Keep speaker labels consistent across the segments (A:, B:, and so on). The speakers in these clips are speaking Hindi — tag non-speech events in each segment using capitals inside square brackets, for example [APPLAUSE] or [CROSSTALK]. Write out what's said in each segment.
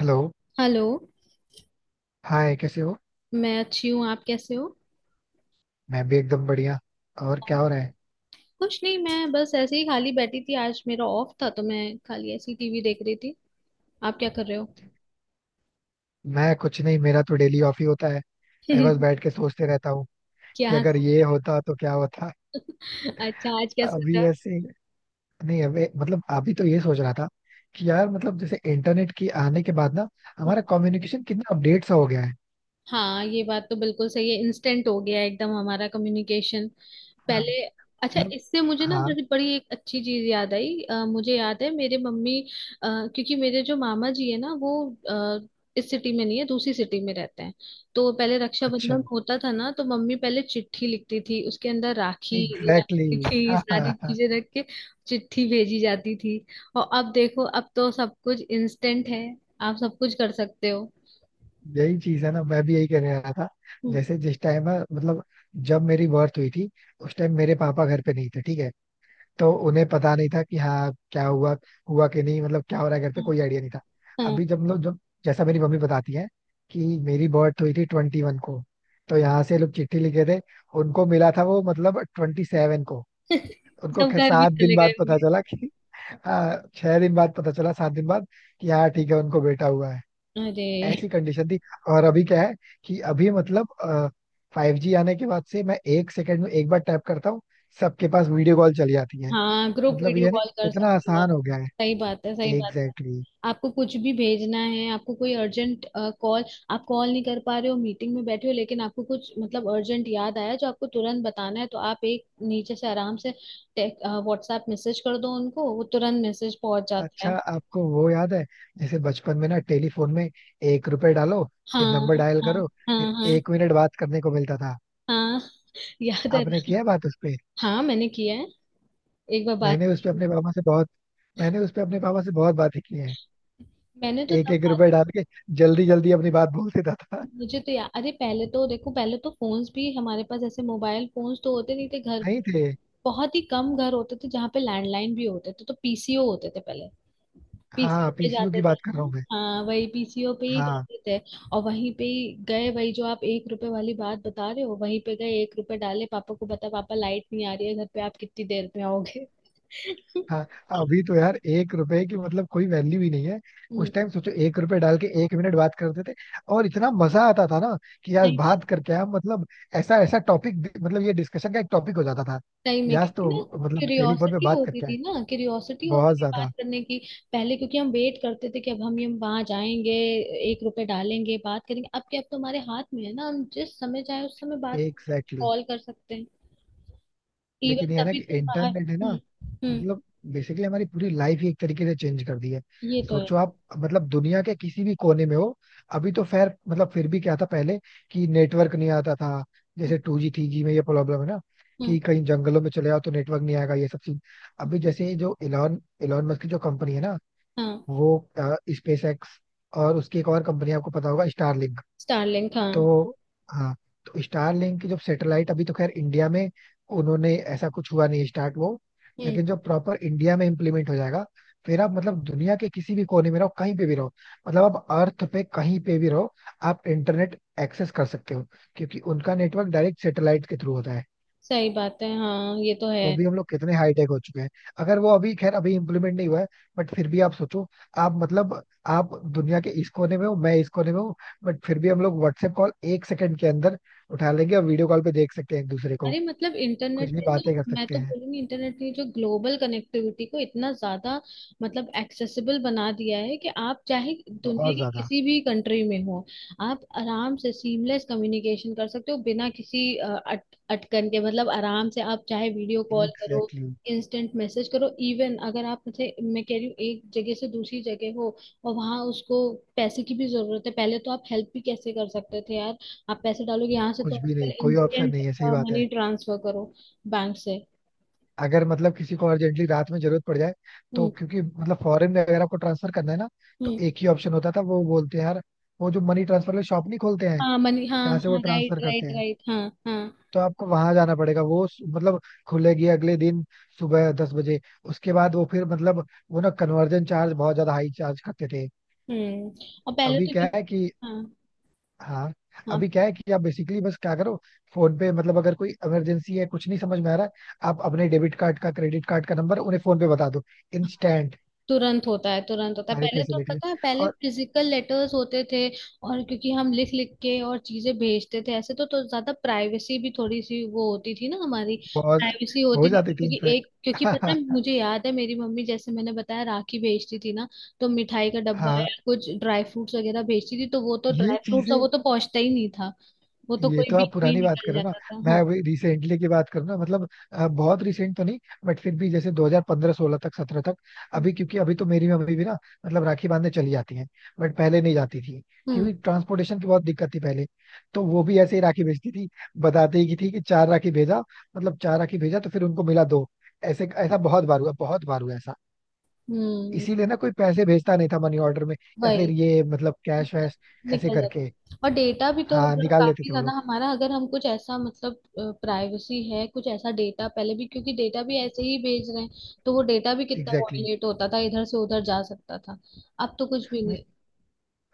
A: हेलो.
B: हेलो।
A: हाय, कैसे हो?
B: मैं अच्छी हूँ। आप कैसे हो?
A: मैं भी एकदम बढ़िया. और क्या हो रहा है?
B: कुछ नहीं, मैं बस ऐसे ही खाली बैठी थी। आज मेरा ऑफ था तो मैं खाली ऐसी टीवी देख रही थी। आप क्या कर रहे हो?
A: मैं कुछ नहीं, मेरा तो डेली ऑफ ही होता है. मैं बस
B: [LAUGHS]
A: बैठ के सोचते रहता हूँ कि
B: क्या
A: अगर
B: सोच
A: ये होता तो क्या होता.
B: रहे हो? अच्छा, आज क्या
A: अभी
B: सोचा?
A: वैसे, नहीं अभी मतलब अभी तो ये सोच रहा था कि यार मतलब जैसे इंटरनेट की आने के बाद ना हमारा कम्युनिकेशन कितना अपडेट सा हो गया है.
B: हाँ, ये बात तो बिल्कुल सही है। इंस्टेंट हो गया है एकदम हमारा कम्युनिकेशन।
A: हाँ.
B: पहले। अच्छा,
A: मतलब.
B: इससे मुझे ना
A: हाँ.
B: बड़ी बड़ी एक अच्छी चीज याद आई। मुझे याद है मेरे मम्मी। क्योंकि मेरे जो मामा जी है ना, वो अ, इस सिटी में नहीं है, दूसरी सिटी में रहते हैं। तो पहले
A: अच्छा.
B: रक्षाबंधन होता था ना, तो मम्मी पहले चिट्ठी लिखती थी, उसके अंदर राखी
A: एग्जैक्टली
B: रखती
A: exactly.
B: थी,
A: हाँ, हाँ,
B: सारी
A: हाँ,
B: चीजें रख के चिट्ठी भेजी जाती थी। और अब देखो, अब तो सब कुछ इंस्टेंट है। आप सब कुछ कर सकते हो।
A: यही चीज है ना, मैं भी यही कहने रहा था.
B: हम्म,
A: जैसे जिस टाइम मतलब जब मेरी बर्थ हुई थी, उस टाइम मेरे पापा घर पे नहीं थे, ठीक है. तो उन्हें पता नहीं था कि हाँ क्या हुआ हुआ कि नहीं, मतलब क्या हो रहा है घर पे, कोई आइडिया नहीं था.
B: हाँ।
A: अभी जब लोग जब जैसा मेरी मम्मी बताती है कि मेरी बर्थ हुई थी 21 को, तो यहाँ से लोग चिट्ठी लिखे थे, उनको मिला था वो मतलब 27 को.
B: [LAUGHS]
A: उनको
B: सब
A: खैर
B: घर भी
A: 7 दिन
B: चले गए
A: बाद पता
B: होंगे।
A: चला कि 6 दिन बाद पता चला, 7 दिन बाद कि हाँ ठीक है, उनको बेटा हुआ है.
B: अरे।
A: ऐसी कंडीशन थी. और अभी क्या है कि अभी मतलब 5G आने के बाद से मैं 1 सेकंड में एक बार टैप करता हूँ, सबके पास वीडियो कॉल चली जाती है.
B: हाँ, ग्रुप
A: मतलब
B: वीडियो
A: ये ना
B: कॉल
A: कि
B: कर
A: कितना
B: सकते हो आप।
A: आसान हो गया
B: सही बात है, सही
A: है.
B: बात है।
A: Exactly exactly.
B: आपको कुछ भी भेजना है, आपको कोई अर्जेंट कॉल। आप कॉल नहीं कर पा रहे हो, मीटिंग में बैठे हो, लेकिन आपको कुछ मतलब अर्जेंट याद आया जो आपको तुरंत बताना है, तो आप एक नीचे से आराम से व्हाट्सएप मैसेज कर दो उनको, वो तुरंत मैसेज पहुंच जाता
A: अच्छा
B: है।
A: आपको वो याद है, जैसे बचपन में ना टेलीफोन में, 1 रुपए डालो, फिर
B: हाँ।
A: नंबर डायल
B: हाँ।
A: करो, फिर
B: हाँ। हाँ।
A: 1 मिनट बात करने को मिलता था.
B: हाँ। याद है
A: आपने
B: ना?
A: किया है बात उस पे?
B: हाँ, मैंने किया है। एक बार बात
A: मैंने उस पे
B: की।
A: अपने पापा से बहुत मैंने उस पे अपने पापा से बहुत बातें की हैं.
B: मैंने तो
A: एक
B: तब
A: एक
B: बात।
A: रुपए डाल के जल्दी जल्दी अपनी बात बोल देता था.
B: मुझे तो यार, अरे पहले तो देखो, पहले तो फोन्स भी हमारे पास, ऐसे मोबाइल फोन्स तो होते नहीं थे घर।
A: [LAUGHS] नहीं थे.
B: बहुत ही कम घर होते थे जहाँ पे लैंडलाइन भी होते थे। तो पीसीओ होते थे पहले।
A: हाँ,
B: पीसीओ पे
A: पीसीयू की
B: जाते थे,
A: बात
B: है
A: कर रहा
B: ना?
A: हूँ मैं.
B: हाँ, वही पीसीओ पे ही
A: हाँ,
B: जाते थे। और वहीं पे ही गए, वही जो आप एक रुपए वाली बात बता रहे हो, वहीं पे गए, एक रुपए डाले। पापा को बता, पापा लाइट नहीं आ रही है घर पे, आप कितनी देर में आओगे। [LAUGHS]
A: हाँ. अभी तो यार 1 रुपए की मतलब कोई वैल्यू ही नहीं है.
B: हम्म।
A: उस टाइम सोचो, 1 रुपए डाल के 1 मिनट बात करते थे, और इतना मजा आता था ना कि आज
B: सही बात।
A: बात करके हम मतलब ऐसा ऐसा टॉपिक, मतलब ये डिस्कशन का एक टॉपिक हो जाता था
B: टाइम
A: कि
B: में
A: आज
B: क्योंकि
A: तो
B: ना।
A: मतलब टेलीफोन पे
B: क्यूरियोसिटी
A: बात
B: होती
A: करके
B: थी
A: आए.
B: ना, क्यूरियोसिटी होती
A: बहुत
B: थी बात
A: ज्यादा.
B: करने की। पहले क्योंकि हम वेट करते थे कि अब हम वहां जाएंगे, एक रुपए डालेंगे, बात करेंगे। अब क्या, अब तो हमारे हाथ में है ना, हम जिस समय चाहे उस समय बात
A: एग्जैक्टली.
B: कॉल कर सकते हैं। इवन
A: लेकिन ये है ना
B: तभी
A: कि
B: तो बाहर।
A: इंटरनेट है ना,
B: हम्म। हम्म।
A: मतलब बेसिकली हमारी पूरी लाइफ ही एक तरीके से चेंज कर दी है.
B: ये तो है।
A: सोचो, आप मतलब दुनिया के किसी भी कोने में हो. अभी तो खैर मतलब फिर भी क्या था पहले, कि नेटवर्क नहीं आता था
B: हम्म।
A: जैसे 2G 3G में, ये प्रॉब्लम है ना
B: हम्म,
A: कि कहीं जंगलों में चले जाओ तो नेटवर्क नहीं आएगा, ये सब चीज. अभी जैसे ये जो एलॉन एलॉन मस्क की जो कंपनी है ना,
B: हाँ।
A: वो, स्पेस एक्स, और उसकी एक और कंपनी आपको पता होगा, स्टारलिंक.
B: स्टारलिंक, हाँ।
A: तो, हाँ, तो स्टारलिंक की जो सैटेलाइट, अभी तो खैर इंडिया में उन्होंने ऐसा कुछ हुआ नहीं स्टार्ट, वो.
B: हम्म।
A: लेकिन जो प्रॉपर इंडिया में इम्प्लीमेंट हो जाएगा, फिर आप मतलब दुनिया के किसी भी कोने में रहो, कहीं पे भी रहो, मतलब आप अर्थ पे कहीं पे भी रहो, आप इंटरनेट एक्सेस कर सकते हो, क्योंकि उनका नेटवर्क डायरेक्ट सैटेलाइट के थ्रू होता है.
B: सही बात है, हाँ, ये तो
A: तो
B: है।
A: अभी हम लोग कितने हाईटेक हो चुके हैं. अगर वो अभी खैर अभी इम्प्लीमेंट नहीं हुआ है, बट फिर भी आप सोचो, आप मतलब, आप दुनिया के इस कोने में हो, मैं इस कोने में हूँ, बट फिर भी हम लोग व्हाट्सएप कॉल 1 सेकंड के अंदर उठा लेंगे और वीडियो कॉल पे देख सकते हैं एक दूसरे को,
B: अरे, मतलब इंटरनेट
A: कुछ भी
B: पे तो
A: बातें कर
B: मैं
A: सकते
B: तो
A: हैं.
B: बोलूंगी, इंटरनेट ने जो ग्लोबल कनेक्टिविटी को इतना ज्यादा मतलब एक्सेसिबल बना दिया है, कि आप चाहे दुनिया
A: बहुत
B: की
A: ज्यादा.
B: किसी भी कंट्री में हो, आप आराम से सीमलेस कम्युनिकेशन कर सकते हो बिना किसी अटकन के। मतलब आराम से, आप चाहे वीडियो कॉल करो,
A: एग्जैक्टली exactly.
B: इंस्टेंट मैसेज करो। इवन अगर आप, जैसे मैं कह रही हूँ, एक जगह से दूसरी जगह हो, और वहां उसको पैसे की भी जरूरत है। पहले तो आप हेल्प भी कैसे कर सकते थे यार। आप पैसे डालोगे यहाँ से, तो
A: कुछ भी
B: आजकल
A: नहीं, कोई ऑप्शन
B: इंस्टेंट
A: नहीं है, सही बात है.
B: मनी ट्रांसफर करो बैंक से।
A: अगर मतलब किसी को अर्जेंटली रात में जरूरत पड़ जाए, तो
B: हम्म।
A: क्योंकि मतलब फॉरेन में अगर आपको ट्रांसफर करना है ना, तो
B: हम्म।
A: एक ही ऑप्शन होता था, वो बोलते हैं यार, वो जो मनी ट्रांसफर वाले शॉप नहीं खोलते हैं,
B: हाँ, मनी, हाँ
A: जहाँ से वो
B: हाँ, राइट
A: ट्रांसफर करते
B: राइट
A: हैं.
B: राइट, हाँ। हाँ।
A: तो आपको वहां जाना पड़ेगा, वो मतलब, खुलेगी अगले दिन सुबह 10 बजे, उसके बाद वो फिर मतलब वो ना कन्वर्जन चार्ज बहुत ज्यादा हाई चार्ज करते थे.
B: हम्म। और पहले
A: अभी
B: तो
A: क्या
B: जो।
A: है कि,
B: हाँ।
A: हाँ,
B: हाँ।
A: अभी क्या है कि आप बेसिकली बस क्या करो, फोन पे मतलब अगर कोई इमरजेंसी है, कुछ नहीं समझ में आ रहा है, आप अपने डेबिट कार्ड का क्रेडिट कार्ड का नंबर उन्हें फोन पे बता दो, इंस्टेंट,
B: तुरंत होता है, तुरंत होता है।
A: सारी
B: पहले तो
A: फैसिलिटी.
B: पता है, पहले
A: और
B: फिजिकल लेटर्स होते थे। और क्योंकि हम लिख लिख के और चीजें भेजते थे ऐसे, तो ज्यादा प्राइवेसी भी थोड़ी सी वो होती थी ना हमारी।
A: बहुत
B: प्राइवेसी
A: हो
B: होती नहीं थी,
A: जाती थी
B: क्योंकि एक,
A: इनफैक्ट.
B: क्योंकि पता है,
A: [LAUGHS]
B: मुझे याद है मेरी मम्मी जैसे मैंने बताया राखी भेजती थी ना। तो मिठाई का डब्बा
A: हाँ,
B: या कुछ ड्राई फ्रूट्स वगैरह भेजती थी, तो वो तो
A: ये
B: ड्राई फ्रूट्स
A: चीजें.
B: वो तो पहुंचता ही नहीं था। वो तो
A: ये
B: कोई
A: तो आप
B: बीच में ही
A: पुरानी बात कर
B: निकल
A: रहे हो ना.
B: जाता था,
A: मैं
B: हाँ।
A: अभी रिसेंटली की बात करूँ ना, मतलब बहुत रिसेंट तो नहीं, बट फिर भी जैसे 2015-16 तक, 17 तक. अभी क्योंकि अभी तो मेरी मम्मी भी ना मतलब राखी बांधने चली जाती हैं. बट पहले नहीं जाती थी,
B: हम्म।
A: क्योंकि ट्रांसपोर्टेशन की बहुत दिक्कत थी पहले, तो वो भी ऐसे ही राखी भेजती थी. बताते ही की थी कि चार राखी भेजा, मतलब चार राखी भेजा तो फिर उनको मिला दो, ऐसे ऐसा बहुत बार हुआ, बहुत बार हुआ ऐसा.
B: हम्म।
A: इसीलिए ना कोई पैसे भेजता नहीं था मनी ऑर्डर में, या
B: वही
A: फिर ये मतलब कैश वैश ऐसे
B: निकल
A: करके,
B: जाता। और डेटा भी तो
A: हाँ
B: मतलब
A: निकाल लेते
B: काफी
A: थे वो
B: ज्यादा
A: लोग.
B: हमारा, अगर हम कुछ ऐसा मतलब प्राइवेसी है, कुछ ऐसा डेटा, पहले भी क्योंकि डेटा भी ऐसे ही भेज रहे हैं, तो वो डेटा भी कितना
A: एग्जैक्टली
B: वॉयलेट होता था, इधर से उधर जा सकता था। अब तो कुछ भी
A: exactly.
B: नहीं।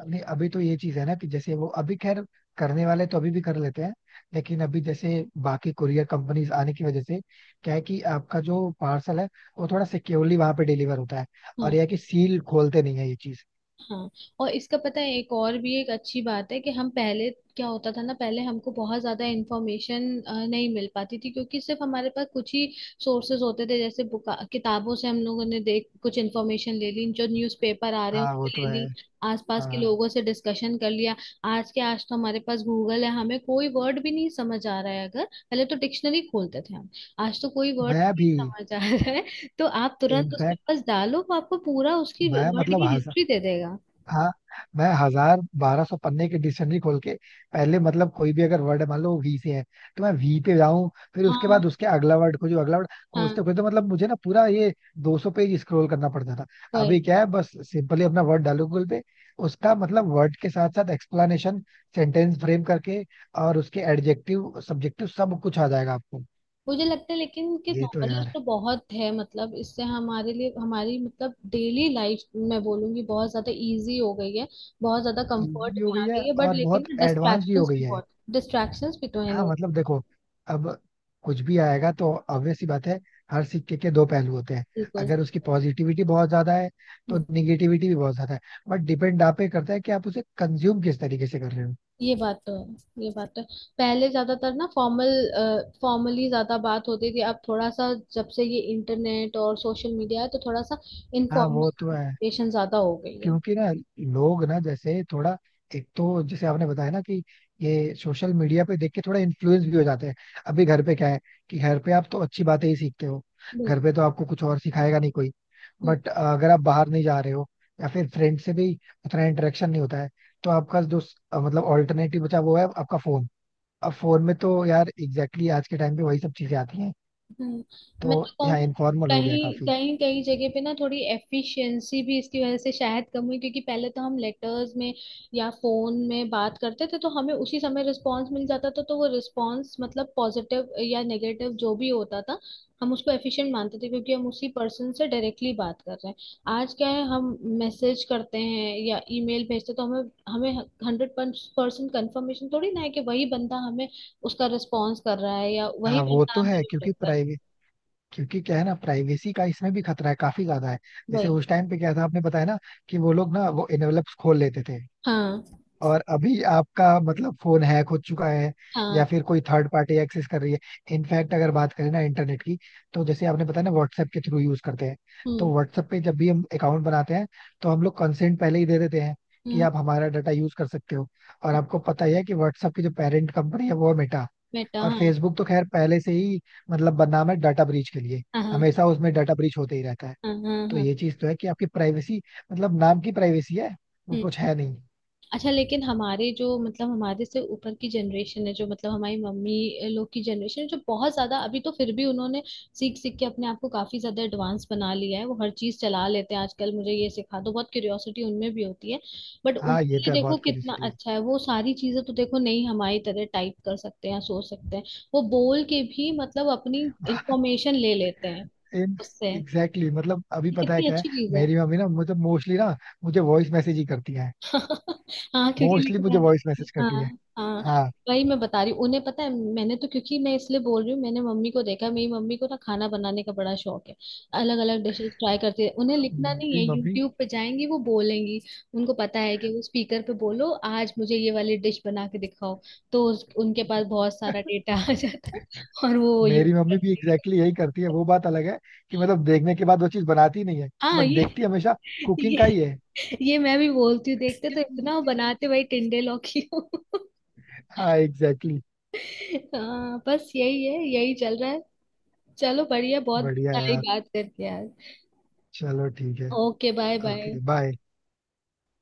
A: नहीं अभी तो ये चीज है ना, कि जैसे वो अभी खैर करने वाले तो अभी भी कर लेते हैं, लेकिन अभी जैसे बाकी कुरियर कंपनीज आने की वजह से क्या है कि आपका जो पार्सल है वो थोड़ा सिक्योरली वहां पे डिलीवर होता है, और यह है कि सील खोलते नहीं है, ये चीज.
B: हाँ। और इसका पता है, एक और भी एक अच्छी बात है, कि हम पहले क्या होता था ना, पहले हमको बहुत ज्यादा इंफॉर्मेशन नहीं मिल पाती थी, क्योंकि सिर्फ हमारे पास कुछ ही सोर्सेज होते थे। जैसे बुका, किताबों से हम लोगों ने देख कुछ इंफॉर्मेशन ले ली, जो न्यूज़पेपर आ रहे हैं
A: हाँ वो
B: उससे
A: तो
B: ले
A: है.
B: ली, आसपास के
A: हाँ,
B: लोगों से डिस्कशन कर लिया। आज के, आज तो हमारे पास गूगल है। हमें कोई वर्ड भी नहीं समझ आ रहा है अगर, पहले तो डिक्शनरी खोलते थे हम। आज तो कोई वर्ड
A: मैं
B: नहीं
A: भी
B: समझ आ रहा है, तो आप तुरंत उसके
A: इनफैक्ट,
B: पास डालो, वो आपको पूरा उसकी
A: मैं
B: वर्ड
A: मतलब
B: की
A: हंसा.
B: हिस्ट्री दे देगा।
A: हाँ, मैं 1000 1200 पन्ने के डिक्शनरी खोल के पहले मतलब कोई भी अगर वर्ड है, मान लो वो वी से है, तो मैं वी पे जाऊं, फिर उसके बाद
B: हाँ।
A: उसके अगला वर्ड खोजूं, अगला वर्ड
B: हाँ।
A: खोजते खोजते मतलब मुझे ना पूरा ये 200 पेज स्क्रॉल करना पड़ता था. अभी
B: वही।
A: क्या है, बस सिंपली अपना वर्ड डालो गूगल पे, उसका मतलब वर्ड के साथ साथ एक्सप्लेनेशन सेंटेंस फ्रेम करके, और उसके एडजेक्टिव सब्जेक्टिव सब कुछ आ जाएगा आपको.
B: मुझे लगता है लेकिन कि
A: ये तो
B: नॉलेज
A: यार
B: तो बहुत है, मतलब इससे हमारे लिए, हमारी मतलब डेली लाइफ, मैं बोलूंगी बहुत ज्यादा इजी हो गई है, बहुत ज्यादा
A: इजी
B: कंफर्ट
A: भी हो
B: में
A: गई
B: आ
A: है
B: गई है। बट
A: और
B: लेकिन
A: बहुत एडवांस भी हो
B: डिस्ट्रैक्शंस
A: गई
B: भी
A: है.
B: बहुत, डिस्ट्रैक्शंस भी तो है
A: हाँ
B: नहीं।
A: मतलब देखो, अब कुछ भी आएगा तो obvious सी बात है, हर सिक्के के दो पहलू होते हैं.
B: बिल्कुल।
A: अगर उसकी पॉजिटिविटी बहुत ज्यादा है तो
B: हम्म।
A: निगेटिविटी भी बहुत ज्यादा है, बट डिपेंड आप पे करता है कि आप उसे कंज्यूम किस तरीके से कर रहे हो.
B: ये बात तो है, ये बात तो है। पहले ज्यादातर ना फॉर्मल, फॉर्मली ज्यादा बात होती थी। अब थोड़ा सा जब से ये इंटरनेट और सोशल मीडिया है, तो थोड़ा सा
A: हाँ
B: इनफॉर्मल
A: वो तो है,
B: कम्युनिकेशन ज्यादा हो गई है।
A: क्योंकि ना लोग ना जैसे थोड़ा, एक तो जैसे आपने बताया ना कि ये सोशल मीडिया पे देख के थोड़ा इन्फ्लुएंस भी हो जाते हैं. अभी घर पे क्या है, कि घर पे आप तो अच्छी बातें ही सीखते हो, घर
B: बिल्कुल।
A: पे तो आपको कुछ और सिखाएगा नहीं कोई, बट अगर आप बाहर नहीं जा रहे हो या फिर फ्रेंड से भी उतना इंटरेक्शन नहीं होता है, तो आपका जो मतलब ऑल्टरनेटिव बचा वो है आपका फोन. अब फोन में तो यार, एग्जैक्टली exactly, आज के टाइम पे वही सब चीजें आती हैं,
B: हम्म। मैं
A: तो
B: तो
A: यहाँ
B: कहूंगी
A: इनफॉर्मल हो गया
B: कहीं
A: काफी.
B: कहीं, कहीं जगह पे ना थोड़ी एफिशिएंसी भी इसकी वजह से शायद कम हुई। क्योंकि पहले तो हम लेटर्स में या फोन में बात करते थे, तो हमें उसी समय रिस्पांस मिल जाता था। तो वो रिस्पांस मतलब पॉजिटिव या नेगेटिव जो भी होता था, हम उसको एफिशिएंट मानते थे, क्योंकि हम उसी पर्सन से डायरेक्टली बात कर रहे हैं। आज क्या है, हम मैसेज करते हैं या ईमेल भेजते हैं, तो हमें हमें हंड्रेड परसेंट कंफर्मेशन थोड़ी ना है, कि वही बंदा हमें उसका रिस्पॉन्स कर रहा है, या वही
A: हाँ वो
B: बंदा
A: तो
B: हमें
A: है, क्योंकि
B: रिफ्लेक्ट कर रहा है।
A: प्राइवेसी, क्योंकि क्या है ना, प्राइवेसी का इसमें भी खतरा है, काफी ज्यादा है. जैसे
B: वही।
A: उस टाइम पे क्या था, आपने बताया ना कि वो लोग ना वो एनवेलप्स खोल लेते थे,
B: हाँ।
A: और अभी आपका मतलब फोन हैक हो चुका है, या
B: हाँ।
A: फिर कोई थर्ड पार्टी एक्सेस कर रही है. इनफैक्ट अगर बात करें ना इंटरनेट की, तो जैसे आपने बताया ना व्हाट्सएप के थ्रू यूज करते हैं,
B: हम्म।
A: तो व्हाट्सएप पे जब भी हम अकाउंट बनाते हैं तो हम लोग कंसेंट पहले ही दे देते हैं कि
B: हम्म।
A: आप हमारा डाटा यूज कर सकते हो. और आपको पता ही है कि व्हाट्सएप की जो पेरेंट कंपनी है वो है मेटा.
B: बेटा,
A: और
B: हाँ।
A: फेसबुक तो खैर पहले से ही मतलब बदनाम है डाटा ब्रीच के लिए,
B: हाँ। हाँ।
A: हमेशा उसमें डाटा ब्रीच होते ही रहता है.
B: हाँ। हाँ,
A: तो
B: हाँ।
A: ये चीज तो है कि आपकी प्राइवेसी, मतलब नाम की प्राइवेसी है, वो कुछ है नहीं.
B: अच्छा लेकिन हमारे जो मतलब हमारे से ऊपर की जनरेशन है, जो मतलब हमारी मम्मी लोग की जनरेशन है, जो बहुत ज्यादा, अभी तो फिर भी उन्होंने सीख सीख के अपने आप को काफी ज्यादा एडवांस बना लिया है। वो हर चीज चला लेते हैं आजकल, मुझे ये सिखा दो, बहुत क्यूरियोसिटी उनमें भी होती है। बट
A: हाँ
B: उनके
A: ये तो
B: लिए
A: है,
B: देखो
A: बहुत
B: कितना
A: क्यूरियोसिटी है.
B: अच्छा है, वो सारी चीजें तो देखो नहीं हमारी तरह टाइप कर सकते हैं या सोच सकते हैं, वो बोल के भी मतलब अपनी इंफॉर्मेशन ले लेते हैं उससे।
A: एग्जैक्टली exactly, मतलब अभी
B: ये
A: पता है
B: कितनी
A: क्या है,
B: अच्छी चीज है।
A: मेरी मम्मी ना मुझे मोस्टली ना मुझे वॉइस मैसेज ही करती है.
B: [LAUGHS] हाँ, क्योंकि
A: मोस्टली
B: लिखना
A: मुझे
B: ना
A: वॉइस
B: पड़े।
A: मैसेज करती है.
B: हाँ, हाँ।
A: हाँ.
B: वही मैं बता रही हूँ, उन्हें पता है। मैंने तो, क्योंकि मैं इसलिए बोल रही हूँ, मैंने मम्मी को देखा, मेरी मम्मी को ना खाना बनाने का बड़ा शौक है। अलग अलग डिशेस ट्राई करती है। उन्हें लिखना नहीं है,
A: मेरी मम्मी,
B: यूट्यूब पे जाएंगी, वो बोलेंगी, उनको पता है कि वो स्पीकर पे बोलो आज मुझे ये वाली डिश बना के दिखाओ। तो उनके पास बहुत सारा डेटा आ जाता है [LAUGHS] और वो यूज
A: मेरी मम्मी भी
B: करती है।
A: एग्जैक्टली exactly यही करती है, वो बात अलग है कि मतलब देखने के बाद वो चीज बनाती नहीं है
B: हाँ,
A: बट देखती हमेशा कुकिंग का
B: ये
A: ही
B: ये मैं भी बोलती हूँ, देखते तो इतना हो,
A: है.
B: बनाते भाई टिंडे लौकी हो।
A: हाँ एग्जैक्टली exactly.
B: हाँ, बस यही है, यही चल रहा है। चलो बढ़िया, बहुत
A: बढ़िया
B: सारी
A: यार,
B: बात करके यार।
A: चलो ठीक है.
B: Okay, bye bye.
A: Okay bye.